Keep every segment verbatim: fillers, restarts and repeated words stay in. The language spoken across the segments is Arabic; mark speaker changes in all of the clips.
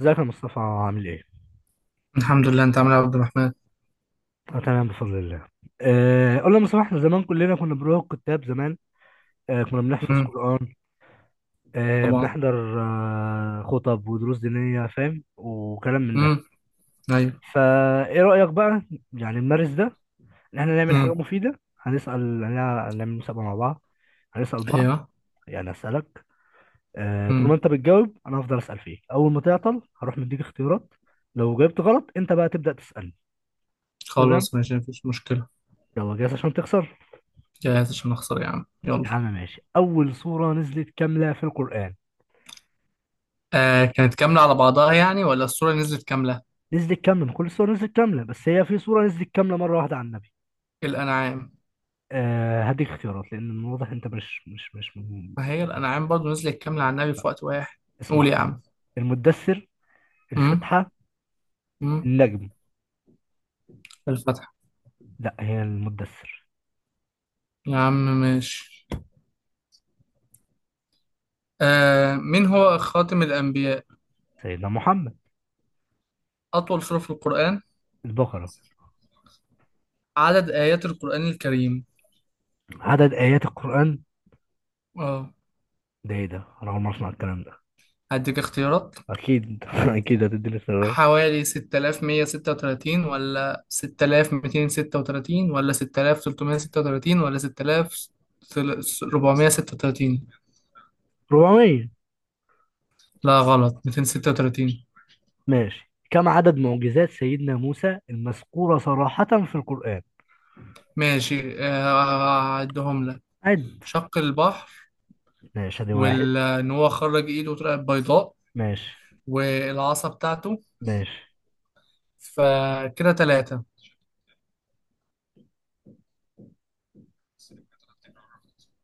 Speaker 1: ازيك يا مصطفى، عامل ايه؟
Speaker 2: الحمد لله، انت عامل ايه يا عبد الرحمن؟
Speaker 1: أنا تمام بفضل الله. آه، قول لي يا مصطفى، احنا زمان كلنا كنا بنروح الكتاب زمان. آه، كنا بنحفظ
Speaker 2: امم.
Speaker 1: قرآن. آه،
Speaker 2: طبعا.
Speaker 1: بنحضر آه، خطب ودروس دينية، فاهم؟ وكلام من ده.
Speaker 2: امم. ايوه.
Speaker 1: فايه رأيك بقى؟ يعني نمارس ده، ان احنا نعمل حاجة
Speaker 2: امم.
Speaker 1: مفيدة. هنسأل هنع- هنعمل مسابقة مع بعض. هنسأل بعض،
Speaker 2: ايوه.
Speaker 1: يعني هسألك. آه، طول
Speaker 2: امم.
Speaker 1: ما انت بتجاوب انا هفضل أسأل فيك، اول ما تعطل هروح مديك اختيارات. لو جاوبت غلط انت بقى تبدأ تسألني. تمام؟
Speaker 2: خلاص ماشي، مفيش مشكله.
Speaker 1: يلا، جاهز عشان تخسر؟
Speaker 2: جاهز عشان اخسر يا عم، يلا.
Speaker 1: يا عم ماشي. أول سورة نزلت كاملة في القرآن.
Speaker 2: آه، كانت كامله على بعضها يعني، ولا الصوره نزلت كامله؟
Speaker 1: نزلت كاملة؟ مش كل السور نزلت كاملة، بس هي في سورة نزلت كاملة مرة واحدة على النبي.
Speaker 2: الانعام.
Speaker 1: آه، هديك اختيارات لأن من واضح أنت مش مش مش من-
Speaker 2: ما هي
Speaker 1: يعني
Speaker 2: الانعام برضو نزلت كامله على النبي في وقت واحد. قول
Speaker 1: اسمع:
Speaker 2: يا عم.
Speaker 1: المدثر،
Speaker 2: امم.
Speaker 1: الفاتحة،
Speaker 2: امم.
Speaker 1: النجم.
Speaker 2: الفتح.
Speaker 1: لا، هي المدثر.
Speaker 2: يا عم، ماشي. آه، مين هو خاتم الانبياء؟
Speaker 1: سيدنا محمد.
Speaker 2: اطول سوره في القران؟
Speaker 1: البقرة.
Speaker 2: عدد ايات القران الكريم؟
Speaker 1: عدد آيات القرآن.
Speaker 2: اه.
Speaker 1: ده إيه ده؟ أنا أول مرة أسمع الكلام ده.
Speaker 2: هديك اختيارات،
Speaker 1: أكيد، أكيد هتديني اختيارات.
Speaker 2: حوالي ستة آلاف ومية وستة وثلاثين ولا ستة آلاف ومئتين وستة وثلاثين ولا ستة آلاف وتلتمية وستة وثلاثين ولا ستة آلاف وأربعمية وستة وثلاثين؟
Speaker 1: أربعمية.
Speaker 2: لا غلط، مئتين وستة وثلاثين.
Speaker 1: ماشي، كم عدد معجزات سيدنا موسى المذكورة صراحة في القرآن؟
Speaker 2: ماشي. آه، هعدهم لك.
Speaker 1: عد.
Speaker 2: شق البحر.
Speaker 1: ماشي، ادي واحد.
Speaker 2: وان هو خرج ايده طلعت بيضاء.
Speaker 1: ماشي.
Speaker 2: والعصا بتاعته.
Speaker 1: ماشي.
Speaker 2: فكده ثلاثة.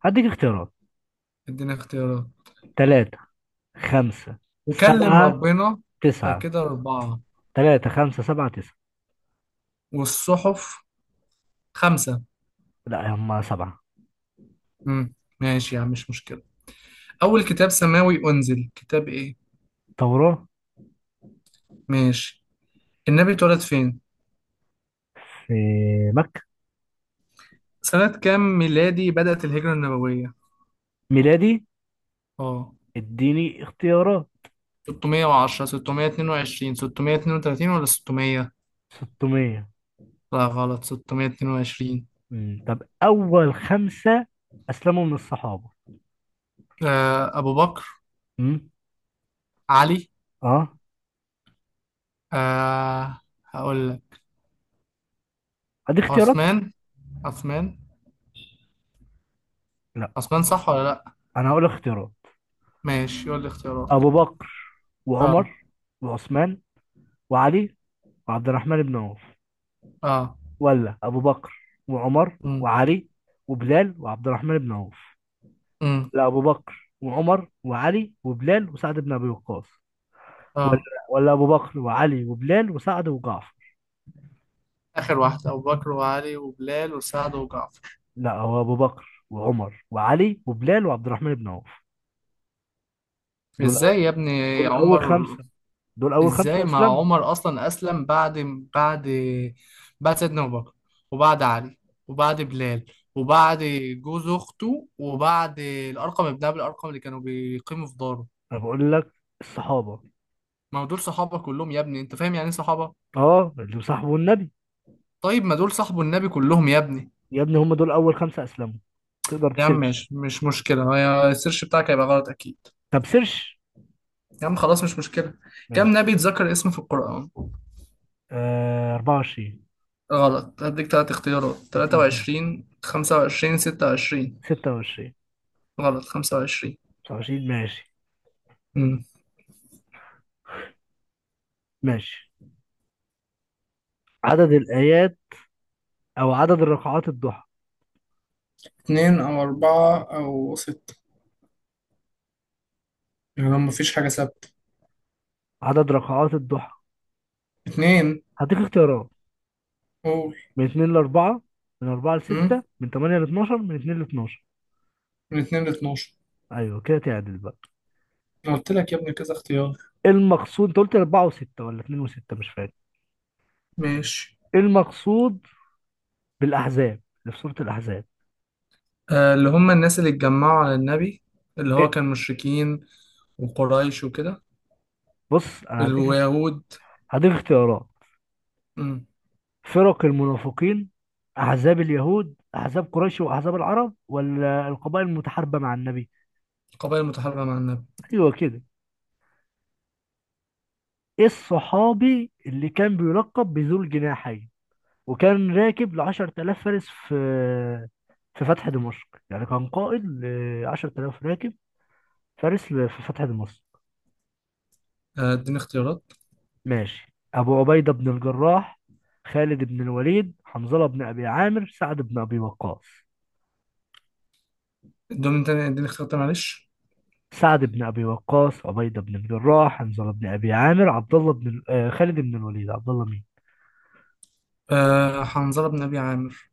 Speaker 1: هديك اختيارات:
Speaker 2: اديني اختيارات.
Speaker 1: تلاتة، خمسة،
Speaker 2: وكلم
Speaker 1: سبعة،
Speaker 2: ربنا.
Speaker 1: تسعة.
Speaker 2: فكده أربعة.
Speaker 1: تلاتة، خمسة، سبعة، تسعة.
Speaker 2: والصحف. خمسة.
Speaker 1: لا، هما سبعة.
Speaker 2: مم. ماشي يا عم، مش مشكلة. أول كتاب سماوي أنزل كتاب إيه؟
Speaker 1: ثورة.
Speaker 2: ماشي. النبي اتولد فين؟
Speaker 1: في مكة.
Speaker 2: سنة كام ميلادي بدأت الهجرة النبوية؟
Speaker 1: ميلادي.
Speaker 2: آه،
Speaker 1: اديني اختيارات.
Speaker 2: ستمية وعشرة، ستمية واتنين وعشرين، ستمية واتنين وتلاتين ولا ستمية؟
Speaker 1: ستمية.
Speaker 2: لا غلط، ستمية واتنين وعشرين.
Speaker 1: مم. طب، أول خمسة أسلموا من الصحابة.
Speaker 2: آه، أبو بكر.
Speaker 1: مم.
Speaker 2: علي.
Speaker 1: أه.
Speaker 2: آه. هقول لك.
Speaker 1: هديك اختيارات.
Speaker 2: عثمان. عثمان.
Speaker 1: لا،
Speaker 2: عثمان صح ولا لأ؟
Speaker 1: أنا هقول اختيارات:
Speaker 2: ماشي، يقول لي اختيارات.
Speaker 1: أبو بكر
Speaker 2: آه.
Speaker 1: وعمر وعثمان وعلي وعبد الرحمن بن عوف،
Speaker 2: آه.
Speaker 1: ولا ابو بكر وعمر
Speaker 2: أمم.
Speaker 1: وعلي وبلال وعبد الرحمن بن عوف،
Speaker 2: أمم.
Speaker 1: لا ابو بكر وعمر وعلي وبلال وسعد بن ابي وقاص، ولا،
Speaker 2: آه.
Speaker 1: ولا ابو بكر وعلي وبلال وسعد وجعفر.
Speaker 2: آخر واحدة، أبو بكر وعلي وبلال وسعد وجعفر.
Speaker 1: لا، هو ابو بكر وعمر وعلي وبلال وعبد الرحمن بن عوف. دول أو...
Speaker 2: ازاي يا ابني؟
Speaker 1: دول اول
Speaker 2: عمر؟
Speaker 1: خمسه، دول اول
Speaker 2: ازاي،
Speaker 1: خمسه
Speaker 2: ما
Speaker 1: اسلموا.
Speaker 2: عمر اصلا اسلم بعد بعد بعد سيدنا ابو بكر. وبعد علي. وبعد بلال. وبعد جوز اخته، وبعد الارقم ابن ابي الارقم اللي كانوا بيقيموا في داره.
Speaker 1: انا بقول لك الصحابه.
Speaker 2: ما هو دول صحابه كلهم يا ابني، انت فاهم يعني ايه صحابه؟
Speaker 1: اه، اللي صاحبوا النبي.
Speaker 2: طيب، ما دول صاحبه النبي كلهم يا ابني.
Speaker 1: يا ابني، هم دول اول خمسه اسلموا. تقدر
Speaker 2: يا عم
Speaker 1: تسيرش.
Speaker 2: ماشي، مش مشكلة، هي السيرش بتاعك هيبقى غلط أكيد.
Speaker 1: طب سيرش.
Speaker 2: يا عم خلاص، مش مشكلة. كم
Speaker 1: ماشي.
Speaker 2: نبي اتذكر اسمه في القرآن؟
Speaker 1: آه، أربعة وعشرين.
Speaker 2: غلط، هديك تلات اختيارات، تلاتة
Speaker 1: اديني.
Speaker 2: وعشرين، خمسة وعشرين، ستة وعشرين.
Speaker 1: ستة وعشرين.
Speaker 2: غلط، خمسة وعشرين.
Speaker 1: تسعة وعشرين. ماشي. ماشي، عدد الآيات، أو عدد ركعات الضحى.
Speaker 2: اتنين أو أربعة أو ستة. يعني لو مفيش حاجة ثابتة.
Speaker 1: عدد ركعات الضحى.
Speaker 2: اتنين.
Speaker 1: هديك اختيارات:
Speaker 2: قول.
Speaker 1: من اتنين ل أربعة، من أربعة ل
Speaker 2: أمم.
Speaker 1: ستة، من ثمانية ل اتناشر، من اتنين ل اتناشر.
Speaker 2: من اتنين لاتناشر.
Speaker 1: أيوه كده، تعدل بقى.
Speaker 2: أنا قلت لك يا ابني كذا اختيار.
Speaker 1: إيه المقصود؟ أنت قلت أربعة و6 ولا اتنين و6، مش فاكر.
Speaker 2: ماشي.
Speaker 1: إيه المقصود بالأحزاب اللي في سورة الأحزاب؟
Speaker 2: آه، اللي هم الناس اللي اتجمعوا على النبي. اللي هو
Speaker 1: إيه؟
Speaker 2: كان مشركين، وقريش وكده.
Speaker 1: بص، أنا هديك،
Speaker 2: اليهود.
Speaker 1: هديك اختيارات:
Speaker 2: أمم.
Speaker 1: فرق المنافقين، أحزاب اليهود، أحزاب قريش وأحزاب العرب، ولا القبائل المتحاربة مع النبي.
Speaker 2: القبائل المتحاربة مع النبي.
Speaker 1: أيوه كده. الصحابي اللي كان بيلقب بذو الجناحين، وكان راكب لعشرة آلاف فارس في في فتح دمشق. يعني كان قائد لعشرة آلاف راكب فارس ل- في فتح دمشق.
Speaker 2: آه، اديني اختيارات.
Speaker 1: ماشي. أبو عبيدة بن الجراح، خالد بن الوليد، حنظلة بن أبي عامر، سعد بن أبي وقاص.
Speaker 2: ادوني تاني، اديني اختيارات تاني، معلش.
Speaker 1: سعد بن أبي وقاص، عبيدة بن الجراح، حنظلة بن أبي عامر، عبد الله بن ال- آه، خالد بن الوليد، عبد الله مين؟
Speaker 2: آه، حنظلة بن أبي عامر.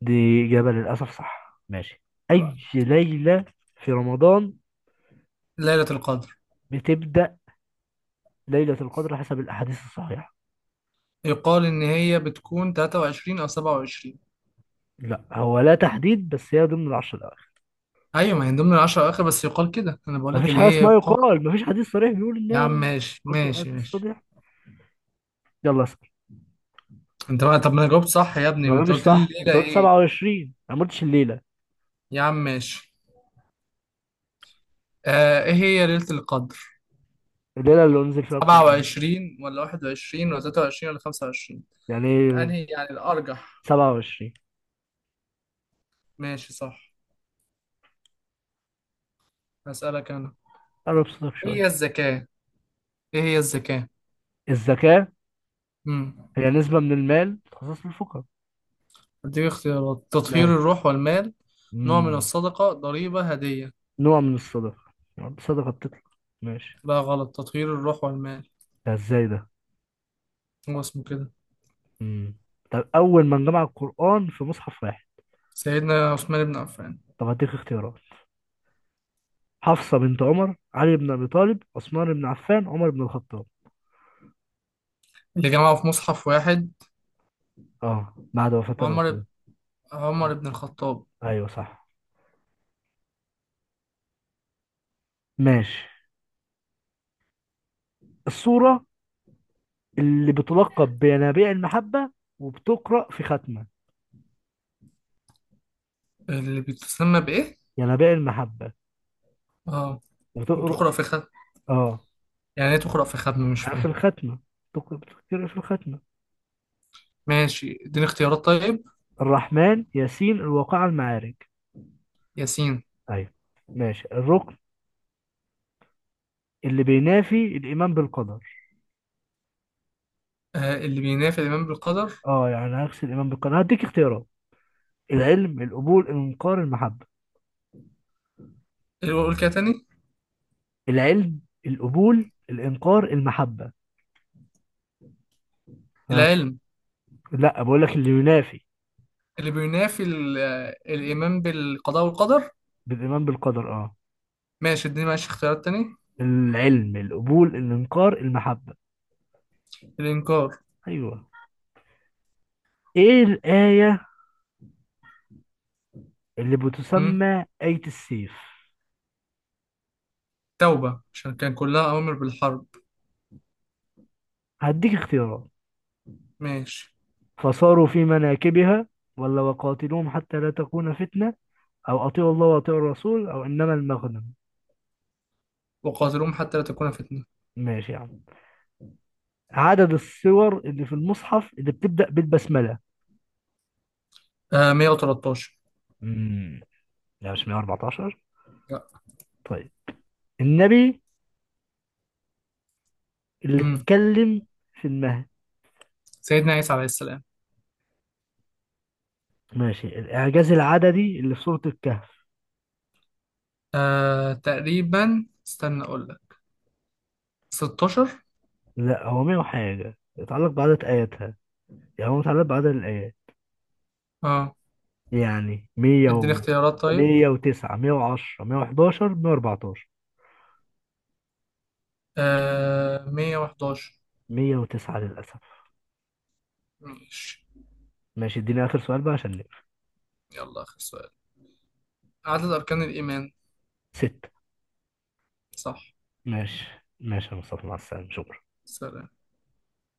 Speaker 1: دي إجابة للأسف صح. ماشي. أي ليلة في رمضان
Speaker 2: ليلة القدر.
Speaker 1: بتبدأ ليلة القدر حسب الأحاديث الصحيحة؟
Speaker 2: يقال إن هي بتكون تلاتة وعشرين أو سبعة وعشرين.
Speaker 1: لا، هو لا تحديد، بس هي ضمن العشر الأواخر.
Speaker 2: أيوة، ما هي من ضمن العشرة أواخر، بس يقال كده، أنا بقول لك
Speaker 1: مفيش
Speaker 2: اللي
Speaker 1: حاجة
Speaker 2: هي
Speaker 1: اسمها
Speaker 2: يقال.
Speaker 1: يقال، مفيش حديث صريح بيقول
Speaker 2: يا
Speaker 1: إنها.
Speaker 2: عم، ماشي
Speaker 1: قلت الأحاديث
Speaker 2: ماشي ماشي.
Speaker 1: الصحيحة. يلا اسأل.
Speaker 2: انت بقى؟ طب ما انا جاوبت صح يا ابني،
Speaker 1: ما
Speaker 2: ما انت
Speaker 1: قلتش
Speaker 2: قلت لي
Speaker 1: صح، أنت
Speaker 2: الليله
Speaker 1: قلت
Speaker 2: ايه؟
Speaker 1: سبعة وعشرين، أنا ما قلتش الليلة.
Speaker 2: يا عم، ماشي. آه، ايه هي ليله القدر؟
Speaker 1: الليلة اللي أنزل فيها القرآن.
Speaker 2: سبعة وعشرين ولا واحد وعشرين ولا ثلاثة وعشرين ولا خمسة وعشرين؟
Speaker 1: يعني إيه؟
Speaker 2: انهي يعني الارجح؟
Speaker 1: سبعة وعشرين.
Speaker 2: ماشي، صح. هسألك انا.
Speaker 1: قرب صوتك
Speaker 2: ايه
Speaker 1: شوية.
Speaker 2: هي الزكاه؟ ايه هي الزكاه؟
Speaker 1: الزكاة؟
Speaker 2: امم.
Speaker 1: هي نسبة من المال تخصص للفقراء.
Speaker 2: اديك اختيارات، تطهير
Speaker 1: ماشي.
Speaker 2: الروح والمال، نوع من
Speaker 1: مم.
Speaker 2: الصدقه، ضريبه، هديه؟
Speaker 1: نوع من الصدقة، يعني الصدقة بتطلع. ماشي.
Speaker 2: لا غلط، تطهير الروح والمال.
Speaker 1: ده ازاي ده؟
Speaker 2: هو اسمه كده.
Speaker 1: مم. طب، أول من جمع القرآن في مصحف واحد.
Speaker 2: سيدنا عثمان بن عفان.
Speaker 1: طب، هديك اختيارات: حفصة بنت عمر، علي بن أبي طالب، عثمان بن عفان، عمر بن الخطاب.
Speaker 2: اللي جمعه في مصحف واحد؟
Speaker 1: اه، بعد وفاة
Speaker 2: عمر.
Speaker 1: الرسول.
Speaker 2: عمر
Speaker 1: آه.
Speaker 2: بن الخطاب.
Speaker 1: ايوه صح. ماشي. الصورة اللي بتلقب بينابيع المحبة، وبتقرأ في ختمة.
Speaker 2: اللي بتسمى بإيه؟
Speaker 1: ينابيع المحبة،
Speaker 2: اه.
Speaker 1: وتقرأ.
Speaker 2: وتقرأ في ختم.
Speaker 1: اه،
Speaker 2: يعني ايه تقرأ في ختم؟ مش
Speaker 1: يعني في
Speaker 2: فاهم.
Speaker 1: الختمة. تق- بتقرأ في الختمة.
Speaker 2: ماشي، اديني اختيارات طيب.
Speaker 1: الرحمن، ياسين، الواقعة، المعارج.
Speaker 2: ياسين.
Speaker 1: ايوه. ماشي. الركن اللي بينافي الإيمان بالقدر.
Speaker 2: آه، اللي بينافي الإيمان بالقدر؟
Speaker 1: اه، يعني عكس الإيمان بالقدر. هديك اختيارات: العلم، القبول، الإنكار، المحبة.
Speaker 2: اللي بقول كده تاني؟
Speaker 1: العلم، القبول، الإنكار، المحبة. ها.
Speaker 2: العلم.
Speaker 1: لا، بقول لك اللي ينافي
Speaker 2: اللي بينافي ال- آه، الإيمان بالقضاء والقدر.
Speaker 1: بالإيمان بالقدر، اه.
Speaker 2: ماشي اديني، ماشي اختيارات تاني.
Speaker 1: العلم، القبول، الإنكار، المحبة.
Speaker 2: الإنكار.
Speaker 1: أيوه. إيه الآية اللي
Speaker 2: مم.
Speaker 1: بتسمى آية السيف؟
Speaker 2: توبة، عشان كان كلها أوامر بالحرب.
Speaker 1: هديك اختيارات:
Speaker 2: ماشي.
Speaker 1: فصاروا في مناكبها، ولا وقاتلوهم حتى لا تكون فتنة، أو أطيعوا الله وأطيعوا الرسول، أو إنما المغنم.
Speaker 2: وقاتلهم حتى لا تكون فتنة.
Speaker 1: ماشي يا عم. عدد السور اللي في المصحف اللي بتبدأ بالبسملة.
Speaker 2: آه، مية وتلتاشر.
Speaker 1: امم لا، مش مية وأربعتاشر.
Speaker 2: لا.
Speaker 1: طيب، النبي اللي
Speaker 2: مم.
Speaker 1: اتكلم في المهد.
Speaker 2: سيدنا عيسى عليه السلام.
Speaker 1: ماشي، الإعجاز العددي اللي في سورة الكهف.
Speaker 2: آه، تقريبا استنى أقول لك. ستاشر.
Speaker 1: لا، هو مية وحاجة يتعلق بعدد آياتها. يعني هو متعلق بعدد الآيات.
Speaker 2: اه،
Speaker 1: يعني مية
Speaker 2: اديني
Speaker 1: و،
Speaker 2: اختيارات طيب.
Speaker 1: مية وتسعة، مية وعشرة، مية وحداشر، مية وأربعتاشر.
Speaker 2: آه، مية وحداشر.
Speaker 1: مية وتسعة للأسف.
Speaker 2: ماشي.
Speaker 1: ماشي، اديني آخر سؤال بقى عشان نقفل.
Speaker 2: يلا، آخر سؤال، عدد أركان الإيمان؟
Speaker 1: ستة.
Speaker 2: صح.
Speaker 1: ماشي. ماشي يا مصطفى، مع السلامة، شكرا.
Speaker 2: سلام.